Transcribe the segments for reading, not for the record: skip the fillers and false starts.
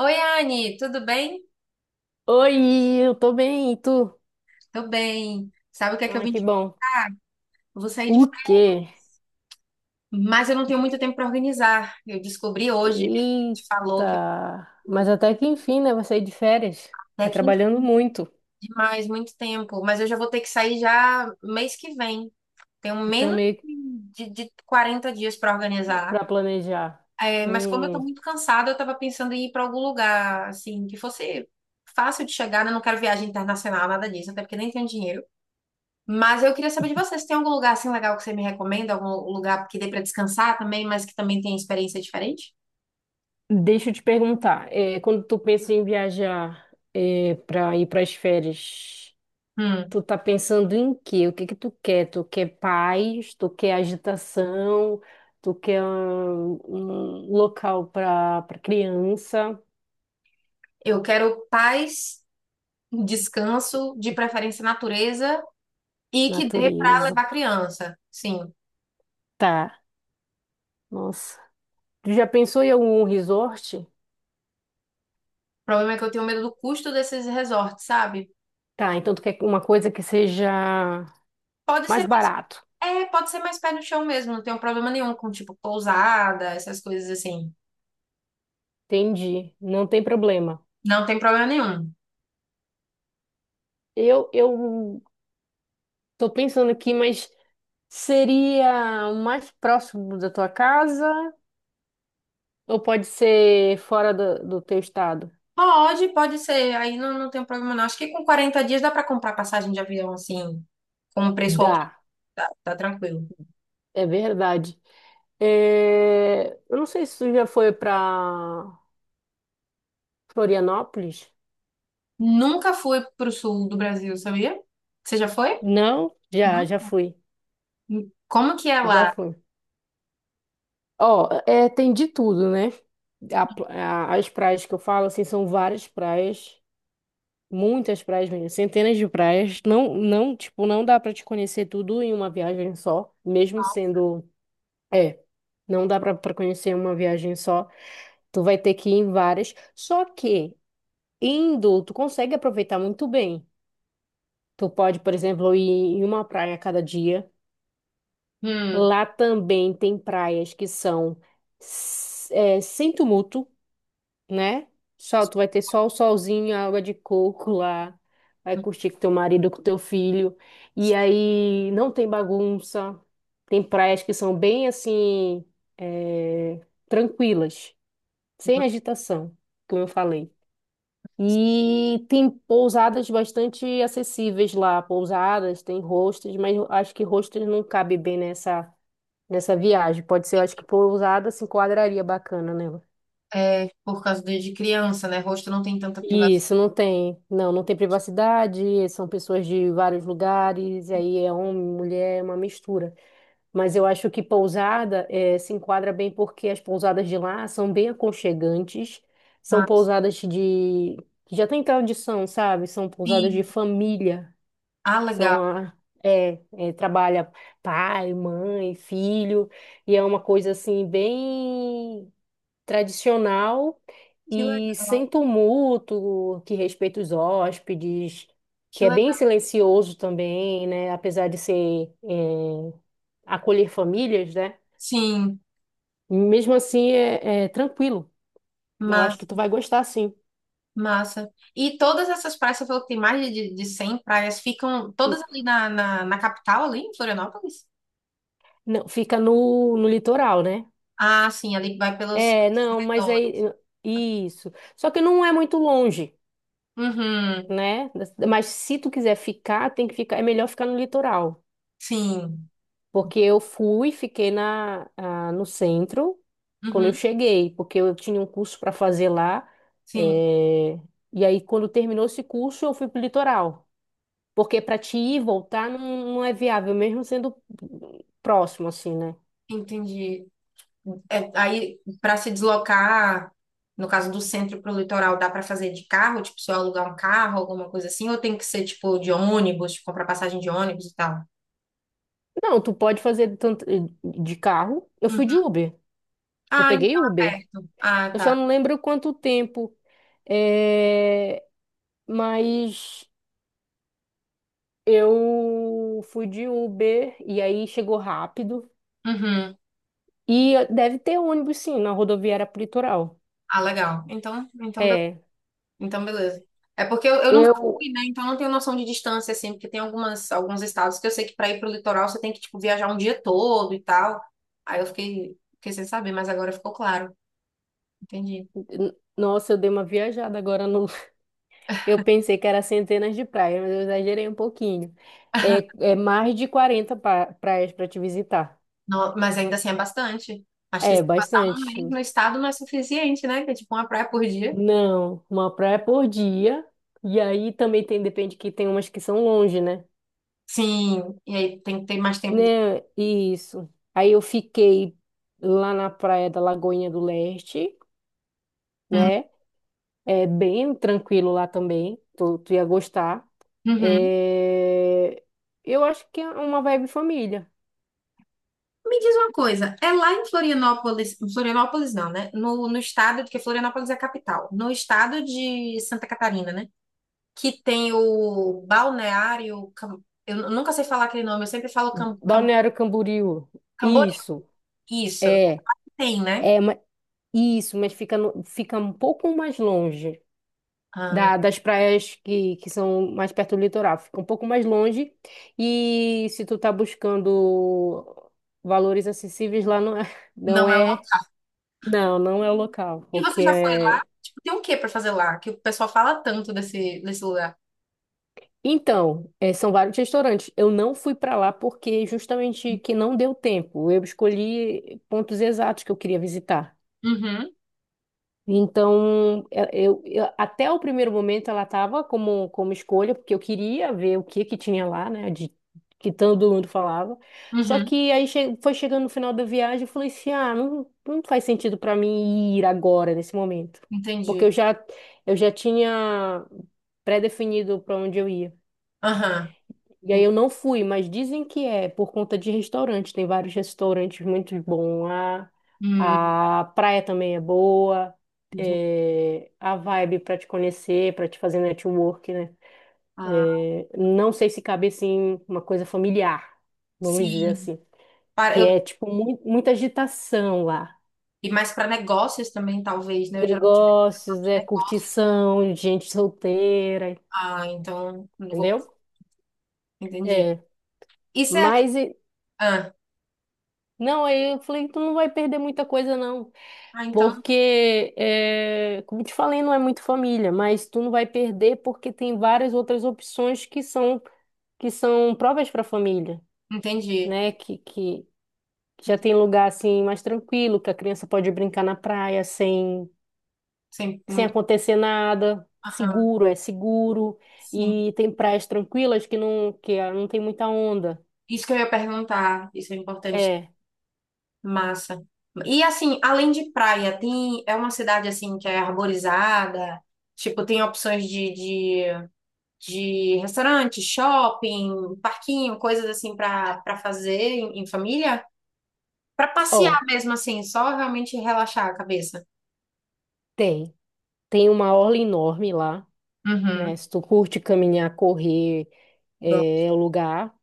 Oi, Anne, tudo bem? Oi, eu tô bem, e tu? Tô bem. Sabe o que é que eu Ah, vim que de... bom. Eu vou sair de... O quê? Mas eu não tenho muito tempo para organizar. Eu descobri hoje, minha Eita! gente falou que eu... Mas até que enfim, né? Vai sair de férias. Tá até que trabalhando enfim, muito, demais, muito tempo. Mas eu já vou ter que sair já mês que vem. Tenho então menos meio que de 40 dias para organizar. pra planejar. É, mas como eu tô Hum, muito cansada, eu tava pensando em ir para algum lugar, assim, que fosse fácil de chegar, né? Eu não quero viagem internacional, nada disso, até porque nem tenho dinheiro. Mas eu queria saber de você, se tem algum lugar assim legal que você me recomenda, algum lugar que dê para descansar também, mas que também tem experiência diferente? deixa eu te perguntar, quando tu pensa em viajar pra ir pras férias, Hum, tu tá pensando em quê? O que que tu quer? Tu quer paz? Tu quer agitação? Tu quer local pra, pra criança? eu quero paz, descanso, de preferência natureza e que dê para Natureza. levar criança. Sim. O Tá, nossa. Tu já pensou em algum resort? problema é que eu tenho medo do custo desses resorts, sabe? Tá, então tu quer uma coisa que seja Pode ser mais mais, barato. é, pode ser mais pé no chão mesmo, não tenho problema nenhum com tipo pousada, essas coisas assim. Entendi, não tem problema. Não tem problema nenhum. Eu tô pensando aqui, mas seria o mais próximo da tua casa ou pode ser fora do, do teu estado? Pode ser. Aí não, não tem problema, não. Acho que com 40 dias dá para comprar passagem de avião, assim, com um preço Dá, ok. Tá, tá tranquilo. é verdade. É, eu não sei se tu já foi para Florianópolis. Nunca fui pro sul do Brasil, sabia? Você já foi? Não? Já Não. fui. Como que é Já lá? fui. Ó, é, tem de tudo, né? As praias que eu falo, assim, são várias praias, muitas praias mesmo, centenas de praias. Não, não, tipo, não dá pra te conhecer tudo em uma viagem só, mesmo sendo, é, não dá pra conhecer em uma viagem só. Tu vai ter que ir em várias. Só que indo, tu consegue aproveitar muito bem. Tu pode, por exemplo, ir em uma praia a cada dia. Hum, Lá também tem praias que são é, sem tumulto, né? Só, tu vai ter só o solzinho, a água de coco lá. Vai curtir com teu marido, com teu filho. E aí não tem bagunça. Tem praias que são bem assim, é, tranquilas, sem agitação, como eu falei. E tem pousadas bastante acessíveis lá. Pousadas, tem hostels, mas eu acho que hostels não cabe bem nessa, nessa viagem. Pode ser, eu acho que pousada se enquadraria bacana, né? é por causa de criança, né? Rosto não tem tanta privacidade. Isso, não tem. Não, não tem privacidade, são pessoas de vários lugares, e aí é homem, mulher, é uma mistura. Mas eu acho que pousada se enquadra bem porque as pousadas de lá são bem aconchegantes, são Mas, pousadas de... que já tem tradição, sabe? São pousadas sim. de família, Ah, legal. são a... É, é, trabalha pai, mãe, filho, e é uma coisa assim bem tradicional Que e legal. sem tumulto, que respeita os hóspedes, Que que é bem legal. silencioso também, né? Apesar de ser acolher famílias, né? Sim. Mesmo assim é, é tranquilo. Eu acho que mas tu vai gostar, sim. Massa. E todas essas praias, você falou que tem mais de 100 praias, ficam Hum. todas ali na capital, ali em Florianópolis? Não, fica no, no litoral, né? Ah, sim, ali vai pelos É, não, mas aí arredores. isso. Só que não é muito longe, Uhum, né? Mas se tu quiser ficar, tem que ficar. É melhor ficar no litoral. sim, Porque eu fui, fiquei na, ah, no centro quando eu uhum, cheguei, porque eu tinha um curso para fazer lá. sim, eh, E aí, quando terminou esse curso, eu fui para o litoral. Porque para te ir e voltar não, não é viável, mesmo sendo próximo, assim, né? entendi. É, aí, para se deslocar, no caso do centro para o litoral, dá para fazer de carro? Tipo, se eu alugar um carro, alguma coisa assim? Ou tem que ser, tipo, de ônibus, tipo, comprar passagem de ônibus e tal? Não, tu pode fazer tanto de carro. Eu fui de Uhum. Uber. Eu Ah, peguei então é Uber. perto. Ah, Eu só tá. não lembro quanto tempo, eh, mas eu fui de Uber e aí chegou rápido. Uhum. E deve ter ônibus, sim, na rodoviária pro litoral. Ah, legal. Então, então, beleza. É. Então, beleza. É porque eu nunca Eu. fui, né? Então, eu não tenho noção de distância, assim, porque tem algumas, alguns estados que eu sei que para ir pro litoral você tem que, tipo, viajar um dia todo e tal. Aí eu fiquei, fiquei sem saber, mas agora ficou claro. Entendi. Nossa, eu dei uma viajada agora no. Eu pensei que era centenas de praias, mas eu exagerei um pouquinho. É, é mais de 40 praias para te visitar. Não, mas ainda assim é bastante. Acho que É, se passar um bastante. mês no estado não é suficiente, né? Que é tipo uma praia por dia. Não, uma praia por dia. E aí também tem, depende que tem umas que são longe, né? Sim, e aí tem que ter mais tempo de. Né, isso. Aí eu fiquei lá na praia da Lagoinha do Leste, Hum. né? É bem tranquilo lá também. Tu ia gostar. Uhum. É, eu acho que é uma vibe família. Me diz uma coisa, é lá em Florianópolis, Florianópolis não, né? No, no estado, porque Florianópolis é a capital, no estado de Santa Catarina, né? que tem o balneário. Cam- Eu nunca sei falar aquele nome, eu sempre falo Balneário Camboriú. Camboriú. Isso. Isso, É. tem, né? É, ma- isso, mas fica, fica um pouco mais longe Ah, das praias que são mais perto do litoral. Fica um pouco mais longe. E se tu tá buscando valores acessíveis lá, não é, não não é o é, local. não, não é o local, E porque você já foi lá? é... Tipo, tem o que pra fazer lá? Que o pessoal fala tanto desse, desse lugar. Então, são vários restaurantes. Eu não fui para lá porque justamente que não deu tempo. Eu escolhi pontos exatos que eu queria visitar. Uhum, Então, até o primeiro momento ela estava como, como escolha, porque eu queria ver o que que tinha lá, né? De, que todo mundo falava. Só uhum, que aí foi chegando no final da viagem, eu falei assim, ah, não, não faz sentido para mim ir agora, nesse momento. Porque entendi. Eu já tinha pré-definido para onde eu ia. Aham, E aí eu en- não fui, mas dizem que é por conta de restaurante. Tem vários restaurantes muito bons lá. hum, A praia também é boa. entendi. É, a vibe para te conhecer, para te fazer network, né? Ah, É, não sei se cabe assim uma coisa familiar, vamos dizer sim. assim, Para, que eu, é tipo muita agitação lá. e mais para negócios também, talvez, né? Eu geralmente vejo pessoal Negócios, de é negócio. curtição, gente solteira, Ah, então, não vou entendeu? passar. Entendi. É, Isso é. mas e- Ah, não, aí eu falei, tu não vai perder muita coisa não. ah, então, Porque, é, como te falei, não é muito família, mas tu não vai perder porque tem várias outras opções que são provas para família, entendi. né? Que já tem lugar assim mais tranquilo, que a criança pode brincar na praia sem, Sim, sem muito. acontecer nada, seguro, é seguro, Sim, e tem praias tranquilas que não que ah, não tem muita onda. isso que eu ia perguntar, isso é importante. É, Massa. E assim, além de praia, tem é uma cidade assim que é arborizada, tipo, tem opções de restaurante, shopping, parquinho, coisas assim para fazer em família, para passear ó, mesmo assim, só realmente relaxar a cabeça. tem. Tem uma orla enorme lá, né? Uhum. Se tu curte caminhar, correr, Bom. é, é o lugar.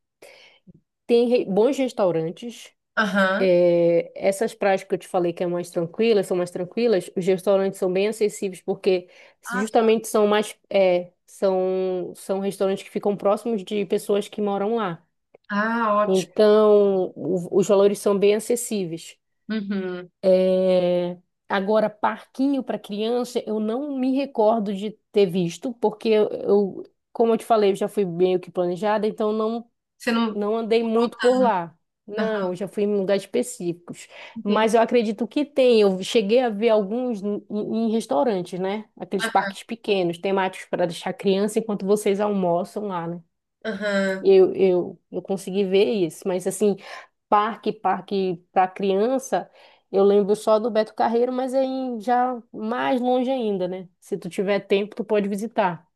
Bons restaurantes. Aham. É, essas praias que eu te falei que é mais tranquilas, são mais tranquilas, os restaurantes são bem acessíveis porque Ah, tá. justamente são mais, é, são restaurantes que ficam próximos de pessoas que moram lá. ah, ótimo. Então, os valores são bem acessíveis. Uhum. É, agora, parquinho para criança, eu não me recordo de ter visto, porque como eu te falei, eu já fui meio que planejada, então Você não. não andei muito por lá. Não, Aham. eu já fui em lugares específicos. Entendi. Mas eu acredito que tem. Eu cheguei a ver alguns em restaurantes, né? Aqueles parques pequenos, temáticos para deixar criança enquanto vocês almoçam lá, né? Aham. Eu consegui ver isso. Mas, assim, parque para criança, eu lembro só do Beto Carreiro, mas é em, já mais longe ainda, né? Se tu tiver tempo, tu pode visitar,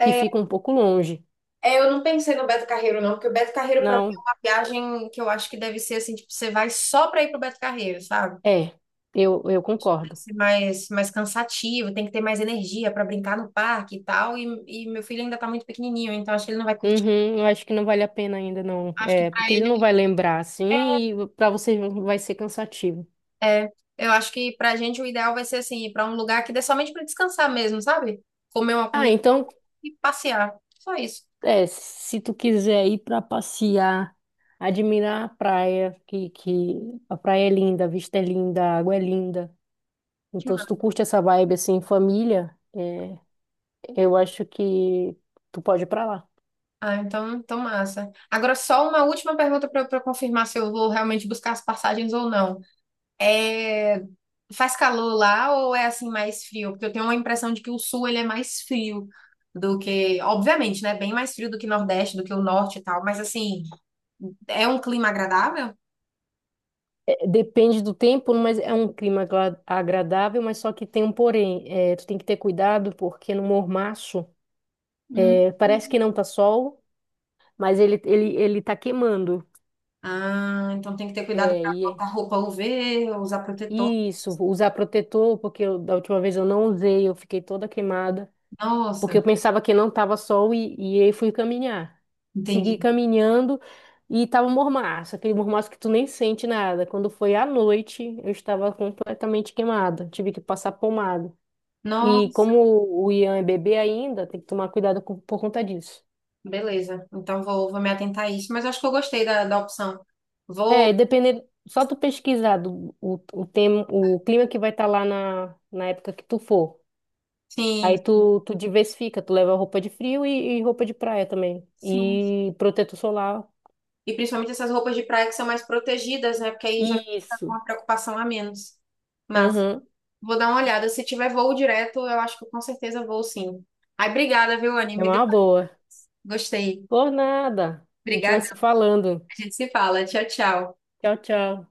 que fica um pouco longe. É, eu não pensei no Beto Carreiro, não, porque o Beto Carreiro, pra mim, é Não, uma viagem que eu acho que deve ser assim, tipo, você vai só pra ir pro Beto Carreiro, sabe? é, eu Tem que concordo. ser mais, mais cansativo, tem que ter mais energia pra brincar no parque e tal. E meu filho ainda tá muito pequenininho, então acho que ele não vai curtir. Uhum, eu acho que não vale a pena ainda, não. Acho que É, pra porque ele ele não vai lembrar assim e para você vai ser cansativo. é. É, Eu acho que pra gente o ideal vai ser assim, ir pra um lugar que dê somente pra descansar mesmo, sabe? Comer uma Ah, comida então, e passear. Só isso. é, se tu quiser ir para passear, admirar a praia, que a praia é linda, a vista é linda, a água é linda. Que Então, se ma- tu curte essa vibe assim, em família, eu acho que tu pode ir para lá. Ah, então, então massa. Agora, só uma última pergunta pra eu confirmar se eu vou realmente buscar as passagens ou não. É, faz calor lá ou é assim mais frio? Porque eu tenho uma impressão de que o sul ele é mais frio do que, obviamente, né? Bem mais frio do que o Nordeste, do que o Norte e tal, mas assim, é um clima agradável? É, depende do tempo, mas é um clima agradável, mas só que tem um porém. É, tu tem que ter cuidado porque no mormaço, Hum. é, parece que não tá sol. Mas ele tá queimando. Ah, então tem que ter cuidado É, para e botar roupa UV, usar protetor. Isso, usar protetor, porque da última vez eu não usei, eu fiquei toda queimada, porque Nossa, eu pensava que não tava sol e aí fui caminhar. Segui entendi. caminhando e tava um mormaço, aquele mormaço que tu nem sente nada. Quando foi à noite, eu estava completamente queimada, tive que passar pomada. E Nossa, como o Ian é bebê ainda, tem que tomar cuidado por conta disso. beleza. Então vou, vou me atentar a isso, mas eu acho que eu gostei da, da opção. É, e Vou, dependendo, só tu pesquisar do, o tema, o clima que vai estar lá na, na época que tu for. sim, Tu diversifica, tu leva roupa de frio e roupa de praia também. sim. E protetor solar. E principalmente essas roupas de praia que são mais protegidas, né? Porque aí já fica com Isso. uma preocupação a menos. Mas Aham. vou dar uma olhada. Se tiver voo direto, eu acho que eu com certeza vou sim. Ai, obrigada, viu, Anny? É Me deu... uma boa. Gostei. Por nada. A gente vai Obrigada. se falando. A gente se fala. Tchau, tchau. Tchau, tchau.